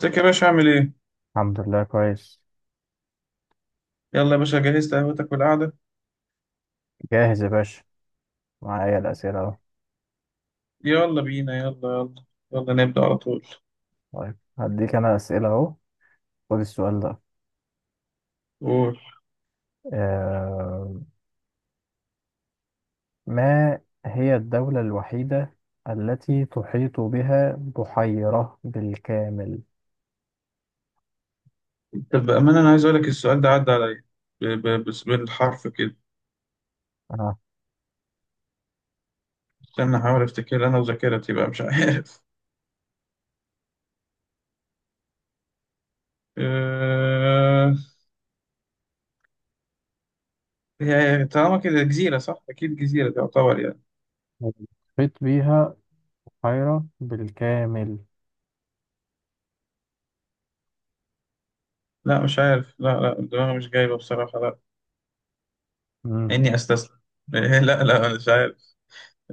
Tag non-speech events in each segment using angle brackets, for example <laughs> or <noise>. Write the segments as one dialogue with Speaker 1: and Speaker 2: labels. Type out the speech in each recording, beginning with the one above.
Speaker 1: ازيك يا باشا عامل ايه؟
Speaker 2: الحمد لله كويس.
Speaker 1: يلا يا باشا جهزت قهوتك والقعدة.
Speaker 2: جاهز يا باشا، معايا الأسئلة أهو.
Speaker 1: يلا بينا يلا. يلا. يلا نبدأ على طول.
Speaker 2: طيب هديك أنا أسئلة أهو، خد السؤال ده.
Speaker 1: قول.
Speaker 2: آه، ما هي الدولة الوحيدة التي تحيط بها بحيرة بالكامل؟
Speaker 1: طب بأمانة أنا عايز أقول لك السؤال ده عدى عليا بس بالحرف كده.
Speaker 2: آه.
Speaker 1: استنى أحاول أفتكر أنا وذاكرتي بقى مش عارف. <laughs> أه... هي طالما كده جزيرة صح؟ أكيد جزيرة تعتبر يعني.
Speaker 2: تحيط بها بحيرة بالكامل.
Speaker 1: لا مش عارف، لا لا، الدماغ مش جايبة بصراحة، لا.
Speaker 2: مم.
Speaker 1: إني أستسلم. <laughs> إيه، لا لا، أنا مش عارف.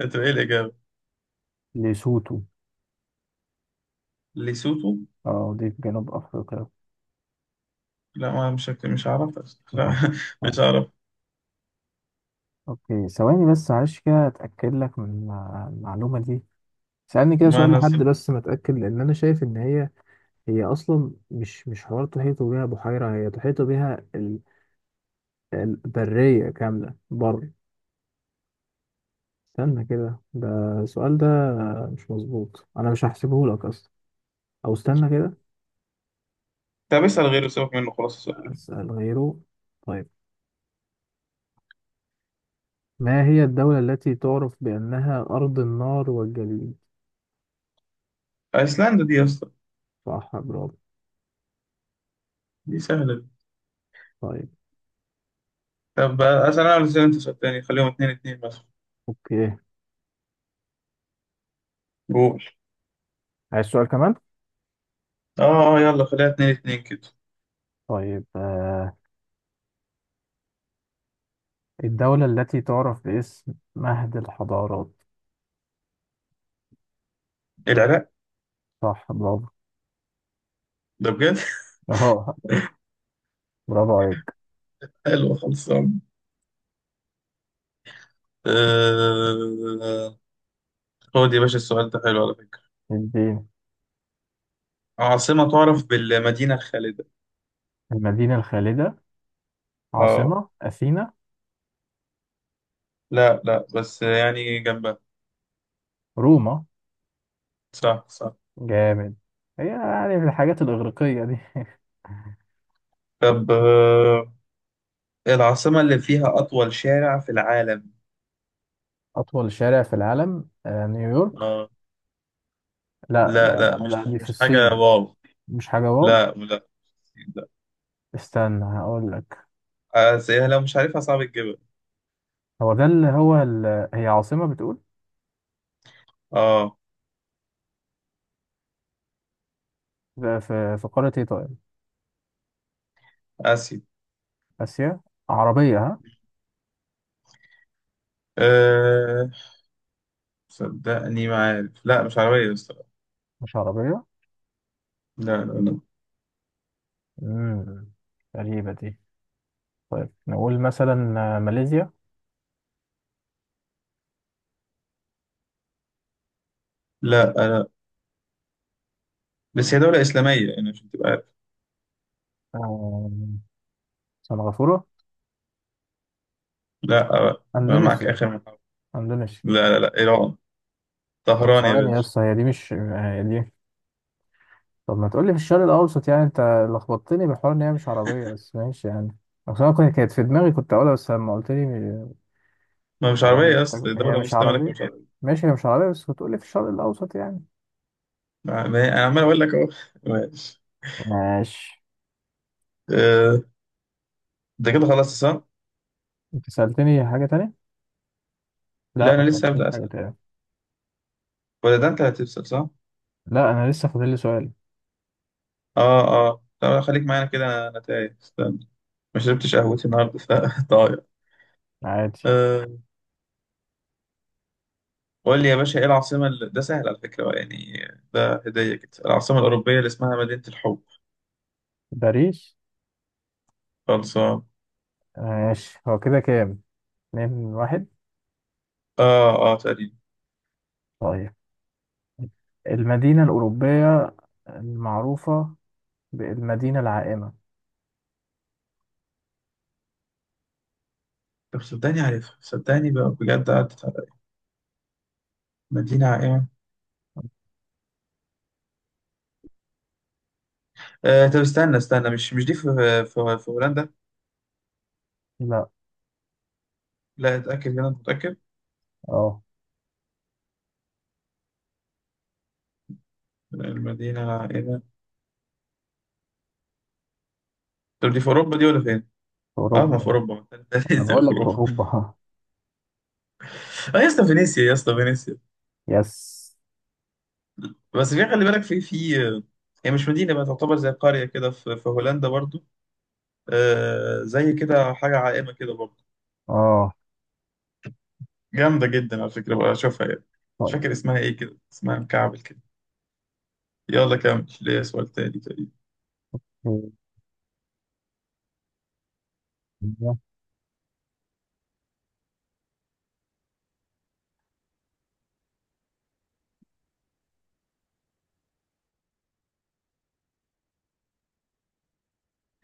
Speaker 1: أنت إيه الإجابة؟
Speaker 2: ليسوتو.
Speaker 1: ليسوتو؟
Speaker 2: اه، دي في جنوب أفريقيا.
Speaker 1: لا ما مش عارف. لا <laughs>
Speaker 2: <laughs>
Speaker 1: مش عارف.
Speaker 2: أوكي ثواني بس معلش كده أتأكد لك من المعلومة دي. سألني كده
Speaker 1: ما
Speaker 2: سؤال
Speaker 1: أنا.
Speaker 2: لحد بس متأكد، لأن أنا شايف إن هي اصلا مش حوار تحيطوا بيها بحيره، هي تحيطوا بيها البريه كامله بر. استنى كده، ده السؤال ده مش مظبوط، انا مش هحسبه لك اصلا، او استنى كده.
Speaker 1: طب اسأل غيره، سيبك منه خلاص، اسأل غيره.
Speaker 2: اسال غيره. طيب، ما هي الدوله التي تعرف بانها ارض النار والجليد؟
Speaker 1: أيسلندا دي يا اسطى.
Speaker 2: صح، برافو.
Speaker 1: دي سهلة دي.
Speaker 2: طيب،
Speaker 1: طب أسأل أنا ولا أسأل أنت سؤال تاني، خليهم اتنين اتنين مثلا.
Speaker 2: اوكي،
Speaker 1: قول.
Speaker 2: عايز سؤال كمان.
Speaker 1: آه. آه يلا خليها اتنين اتنين كده.
Speaker 2: طيب آه، الدوله التي تعرف باسم مهد الحضارات؟
Speaker 1: العراق.
Speaker 2: صح، برافو.
Speaker 1: ده بجد.
Speaker 2: <laughs> اهو، برافو عليك.
Speaker 1: <laughs> حلو خلصان. آه... خد يا باشا السؤال ده حلو على فكرة.
Speaker 2: اديني.
Speaker 1: عاصمة تعرف بالمدينة الخالدة.
Speaker 2: المدينة الخالدة؟
Speaker 1: آه،
Speaker 2: عاصمة أثينا؟
Speaker 1: لا لا بس يعني جنبها.
Speaker 2: روما؟
Speaker 1: صح صح.
Speaker 2: جامد، هي يعني من الحاجات الإغريقية دي.
Speaker 1: طب العاصمة اللي فيها أطول شارع في العالم.
Speaker 2: <laughs> أطول شارع في العالم، نيويورك؟
Speaker 1: آه
Speaker 2: لا
Speaker 1: لا
Speaker 2: لا
Speaker 1: لا،
Speaker 2: لا
Speaker 1: مش
Speaker 2: لا، دي في
Speaker 1: مش حاجة
Speaker 2: الصين.
Speaker 1: واو.
Speaker 2: مش حاجة واو.
Speaker 1: لا لا.
Speaker 2: استنى هقول لك.
Speaker 1: آه، زيها لو مش عارفها صعب تجيبها.
Speaker 2: هو ده اللي هو ال... هي عاصمة بتقول.
Speaker 1: اه
Speaker 2: في في في قارة إيه طيب؟
Speaker 1: اسيا.
Speaker 2: آسيا؟ عربية ها؟
Speaker 1: أه. صدقني ما عارف، لا مش عربية الصراحة.
Speaker 2: مش عربية؟
Speaker 1: لا لا لا.
Speaker 2: امم غريبة دي. طيب، نقول مثلا ماليزيا؟
Speaker 1: لا بس هي دولة إسلامية يعني عشان تبقى عارف.
Speaker 2: آه، سنغافورة؟
Speaker 1: لا آه، أنا معاك
Speaker 2: أندونيسيا،
Speaker 1: آخر من حرف.
Speaker 2: أندونيسيا.
Speaker 1: لا لا لا، إيران.
Speaker 2: طب
Speaker 1: طهران يا
Speaker 2: ثواني يا
Speaker 1: باشا.
Speaker 2: اسطى، هي دي مش هي دي. طب ما تقولي في الشرق الاوسط يعني انت، لخبطتني بحوار ان هي مش عربيه بس ماشي يعني. اصل انا كانت في دماغي كنت اقولها، بس لما قلت لي مش
Speaker 1: ما مش
Speaker 2: عربيه
Speaker 1: عربية أصلا،
Speaker 2: هي
Speaker 1: دولة
Speaker 2: مش
Speaker 1: مسلمة لكن
Speaker 2: عربيه.
Speaker 1: مش عربية.
Speaker 2: ماشي، هي مش عربيه بس بتقولي في الشرق الاوسط يعني.
Speaker 1: ما هي أنا عمال أقول لك أهو <laughs> ماشي.
Speaker 2: ماشي.
Speaker 1: آه، ده كده خلاص صح؟
Speaker 2: انت سالتني حاجه تانية؟ لا،
Speaker 1: لا
Speaker 2: ما
Speaker 1: أنا لسه
Speaker 2: سالتنيش
Speaker 1: هبدأ
Speaker 2: حاجه
Speaker 1: أسأل بقى.
Speaker 2: تانية.
Speaker 1: ولا ده أنت هتسأل صح؟
Speaker 2: لا، انا لسه فاضل لي سؤال.
Speaker 1: آه. آه طب خليك معانا كده، أنا تايه استنى. ما شربتش قهوتي النهاردة فطاير.
Speaker 2: عادي.
Speaker 1: <laughs> قول لي يا باشا ايه العاصمة اللي... ده سهل على فكرة بقى، يعني ده هدية كده. العاصمة الأوروبية اللي اسمها مدينة الحب.
Speaker 2: باريس.
Speaker 1: خلصان.
Speaker 2: ماشي، هو كده كام؟ 2-1.
Speaker 1: اه اه تقريبا.
Speaker 2: طيب، المدينه الاوروبيه المعروفه بالمدينه العائمه؟
Speaker 1: طب صدقني عارفها، صدقني بقى بجد، عدت على مدينة عائمة. آه طب استنى استنى، مش مش دي في في هولندا.
Speaker 2: لا.
Speaker 1: لا اتأكد هنا متأكد.
Speaker 2: اه،
Speaker 1: المدينة العائمة. طب دي في أوروبا دي ولا فين؟
Speaker 2: في
Speaker 1: اه ما في
Speaker 2: اوروبا.
Speaker 1: أوروبا، <laughs> ده
Speaker 2: انا
Speaker 1: لسه
Speaker 2: بقول
Speaker 1: في
Speaker 2: لك في
Speaker 1: أوروبا.
Speaker 2: اوروبا. <laughs> ها.
Speaker 1: اه يا اسطى فينيسيا يا اسطى فينيسيا.
Speaker 2: يس.
Speaker 1: بس في خلي بالك في هي مش مدينة بقى، تعتبر زي قرية كده في هولندا برضو. آه زي كده حاجة عائمة كده برضه،
Speaker 2: اه
Speaker 1: جامدة جدا على فكرة بقى أشوفها يعني. مش فاكر اسمها إيه كده، اسمها مكعبل كده. يلا كمل ليه سؤال تاني تقريبا.
Speaker 2: طيب.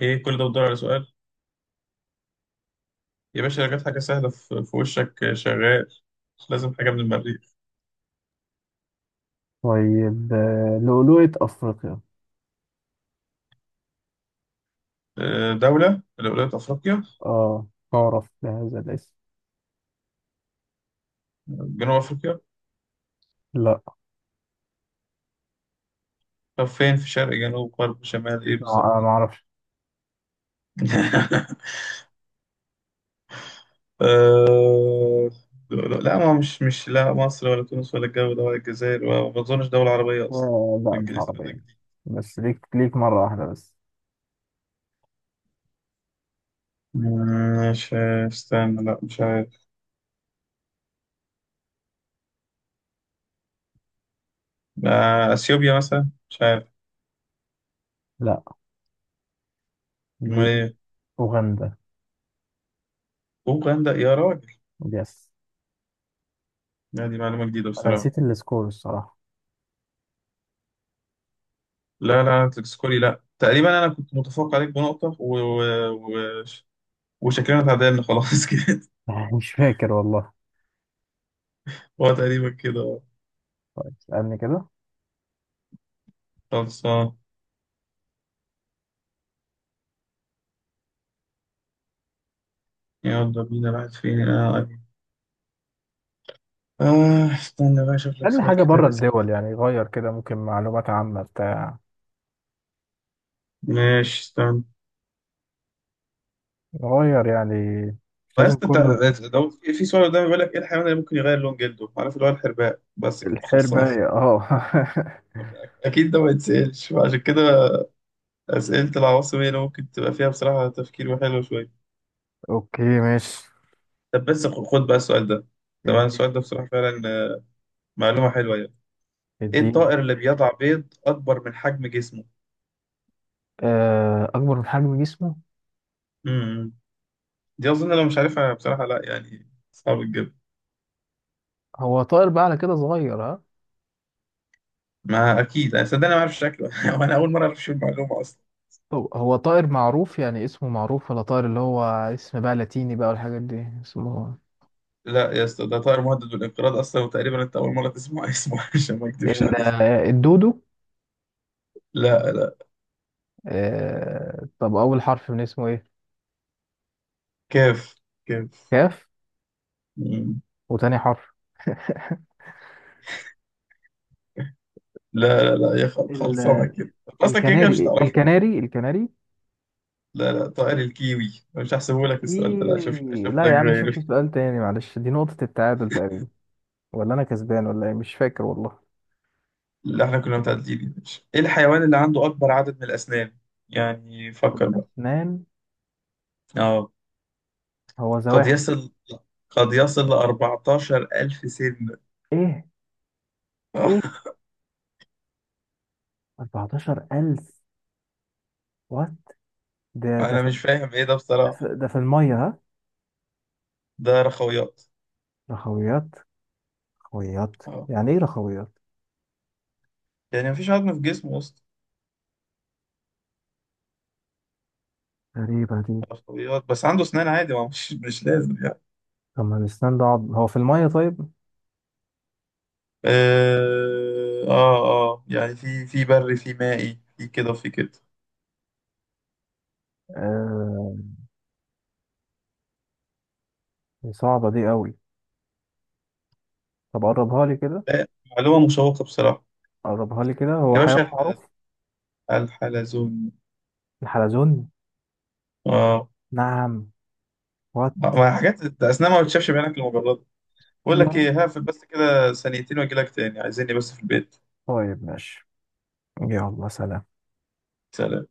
Speaker 1: إيه كل ده بتدور على سؤال؟ يا باشا لو جت حاجة سهلة في وشك آه، شغال. مش لازم حاجة من المريخ.
Speaker 2: طيب لؤلؤة افريقيا.
Speaker 1: آه دولة من ولايات أفريقيا.
Speaker 2: اه، تعرف بهذا الاسم.
Speaker 1: جنوب أفريقيا.
Speaker 2: لا.
Speaker 1: طب فين، في شرق جنوب غرب شمال إيه
Speaker 2: ما
Speaker 1: بالظبط؟
Speaker 2: ما اعرفش.
Speaker 1: <laughs> آه. لا ما مش لا مصر ولا تونس ولا الجو ده ولا الجزائر، وما أظنش دولة عربية أصلا.
Speaker 2: لا مش
Speaker 1: اسم ده
Speaker 2: عربية. بس ليك ليك مرة واحدة بس.
Speaker 1: مش، استنى، لا مش عارف. آه، اثيوبيا مثلا، مش عارف.
Speaker 2: لا، دي
Speaker 1: امال ايه؟
Speaker 2: اوغندا.
Speaker 1: اوغندا يا راجل.
Speaker 2: يس.
Speaker 1: لا دي معلومه جديده
Speaker 2: انا
Speaker 1: بصراحه.
Speaker 2: نسيت السكور الصراحة.
Speaker 1: لا لا تسكولي، لا تقريبا انا كنت متفوق عليك بنقطه و... وشكلنا اتعادلنا خلاص <laughs> كده.
Speaker 2: <laughs> مش فاكر والله.
Speaker 1: هو تقريبا كده.
Speaker 2: طيب اسألني كده.
Speaker 1: خلصان. يلا بينا راحت فين اه. آه، استنى بقى اشوف لك
Speaker 2: اسألني
Speaker 1: سؤال
Speaker 2: حاجة
Speaker 1: كده
Speaker 2: بره
Speaker 1: لذيذ.
Speaker 2: الدول يعني، غير كده ممكن معلومات عامة بتاع،
Speaker 1: ماشي استنى.
Speaker 2: غير يعني، مش لازم
Speaker 1: بس انت
Speaker 2: كله.
Speaker 1: لو في سؤال قدامي بيقول لك ايه الحيوان اللي ممكن يغير لون جلده؟ عارف اللي هو الحرباء بس كده خلصان.
Speaker 2: الحربة اه. <laughs>
Speaker 1: اكيد ده ما يتسالش عشان كده. اسئله العواصم هي اللي ممكن تبقى فيها بصراحه تفكير وحلو شويه.
Speaker 2: اوكي ماشي.
Speaker 1: طب بس خد بقى السؤال ده. طبعا
Speaker 2: الدين،
Speaker 1: السؤال ده بصراحه فعلا آه، معلومه حلوه يعني. ايه
Speaker 2: الدين.
Speaker 1: الطائر اللي بيضع بيض اكبر من حجم جسمه؟
Speaker 2: اكبر من حجم جسمه.
Speaker 1: امم دي اظن لو مش عارفها بصراحه لا، يعني صعب جدا.
Speaker 2: هو طائر بقى على كده صغير ها؟
Speaker 1: ما اكيد انا صدقني ما اعرف شكله <laughs> وانا اول مره اعرف شو المعلومه اصلا.
Speaker 2: هو هو طائر معروف يعني اسمه معروف، ولا طائر اللي هو اسم بقى لاتيني بقى والحاجات دي اسمه؟
Speaker 1: لا يا اسطى ده طائر مهدد بالانقراض اصلا، وتقريبا انت اول مره تسمع اسمه <laughs> عشان ما اكدبش عليك.
Speaker 2: الدودو؟
Speaker 1: لا لا.
Speaker 2: طب اول حرف من اسمه ايه؟
Speaker 1: كيف.
Speaker 2: كاف؟
Speaker 1: كيف.
Speaker 2: وتاني حرف؟
Speaker 1: لا لا لا يا خلصانه
Speaker 2: ال-
Speaker 1: كده. اصلا كده كده مش
Speaker 2: الكناري،
Speaker 1: هتعرف.
Speaker 2: الكناري، الكناري.
Speaker 1: لا لا طائر الكيوي. أنا مش هحسبه لك السؤال ده، لا شوف
Speaker 2: الكيوي،
Speaker 1: شوف
Speaker 2: لا
Speaker 1: لك
Speaker 2: يا عم شوف
Speaker 1: غير.
Speaker 2: سؤال تاني معلش. دي نقطة التعادل تقريبا، ولا انا كسبان، ولا ايه مش فاكر والله.
Speaker 1: اللي احنا كنا متعدلين يا باشا. ايه الحيوان اللي عنده اكبر عدد من الاسنان؟ يعني فكر بقى.
Speaker 2: الأسنان.
Speaker 1: اه.
Speaker 2: هو
Speaker 1: قد
Speaker 2: زواحف؟
Speaker 1: يصل قد يصل ل 14 ألف سن.
Speaker 2: إيه؟ إيه؟
Speaker 1: <laughs>
Speaker 2: 14,000؟ وات؟ ده ده
Speaker 1: انا
Speaker 2: في
Speaker 1: مش فاهم ايه ده
Speaker 2: ده
Speaker 1: بصراحه.
Speaker 2: في ده في المية ها؟
Speaker 1: ده رخويات.
Speaker 2: رخويات، رخويات.
Speaker 1: اه،
Speaker 2: يعني إيه رخويات؟
Speaker 1: يعني مفيش عظم في جسمه اصلا.
Speaker 2: غريبة دي.
Speaker 1: رخويات بس عنده اسنان عادي، ما مش مش لازم يعني.
Speaker 2: طب ما الأسنان ده هو في المية طيب.
Speaker 1: اه اه آه. يعني في بري في مائي في كده وفي كده.
Speaker 2: آه دي صعبة دي قوي. طب قربها لي كده.
Speaker 1: لا معلومة مشوقة بصراحة.
Speaker 2: قربها لي كده، هو
Speaker 1: يا
Speaker 2: حيوان
Speaker 1: باشا
Speaker 2: معروف.
Speaker 1: الحلزون.
Speaker 2: الحلزون.
Speaker 1: اه.
Speaker 2: نعم؟ وات؟
Speaker 1: ما حاجات ده أثناء ما بتشافش بعينك المجرد. بقول لك
Speaker 2: يلا
Speaker 1: ايه، هقفل بس كده ثانيتين واجي لك تاني، عايزيني بس في البيت.
Speaker 2: طيب ماشي. يلا سلام.
Speaker 1: سلام.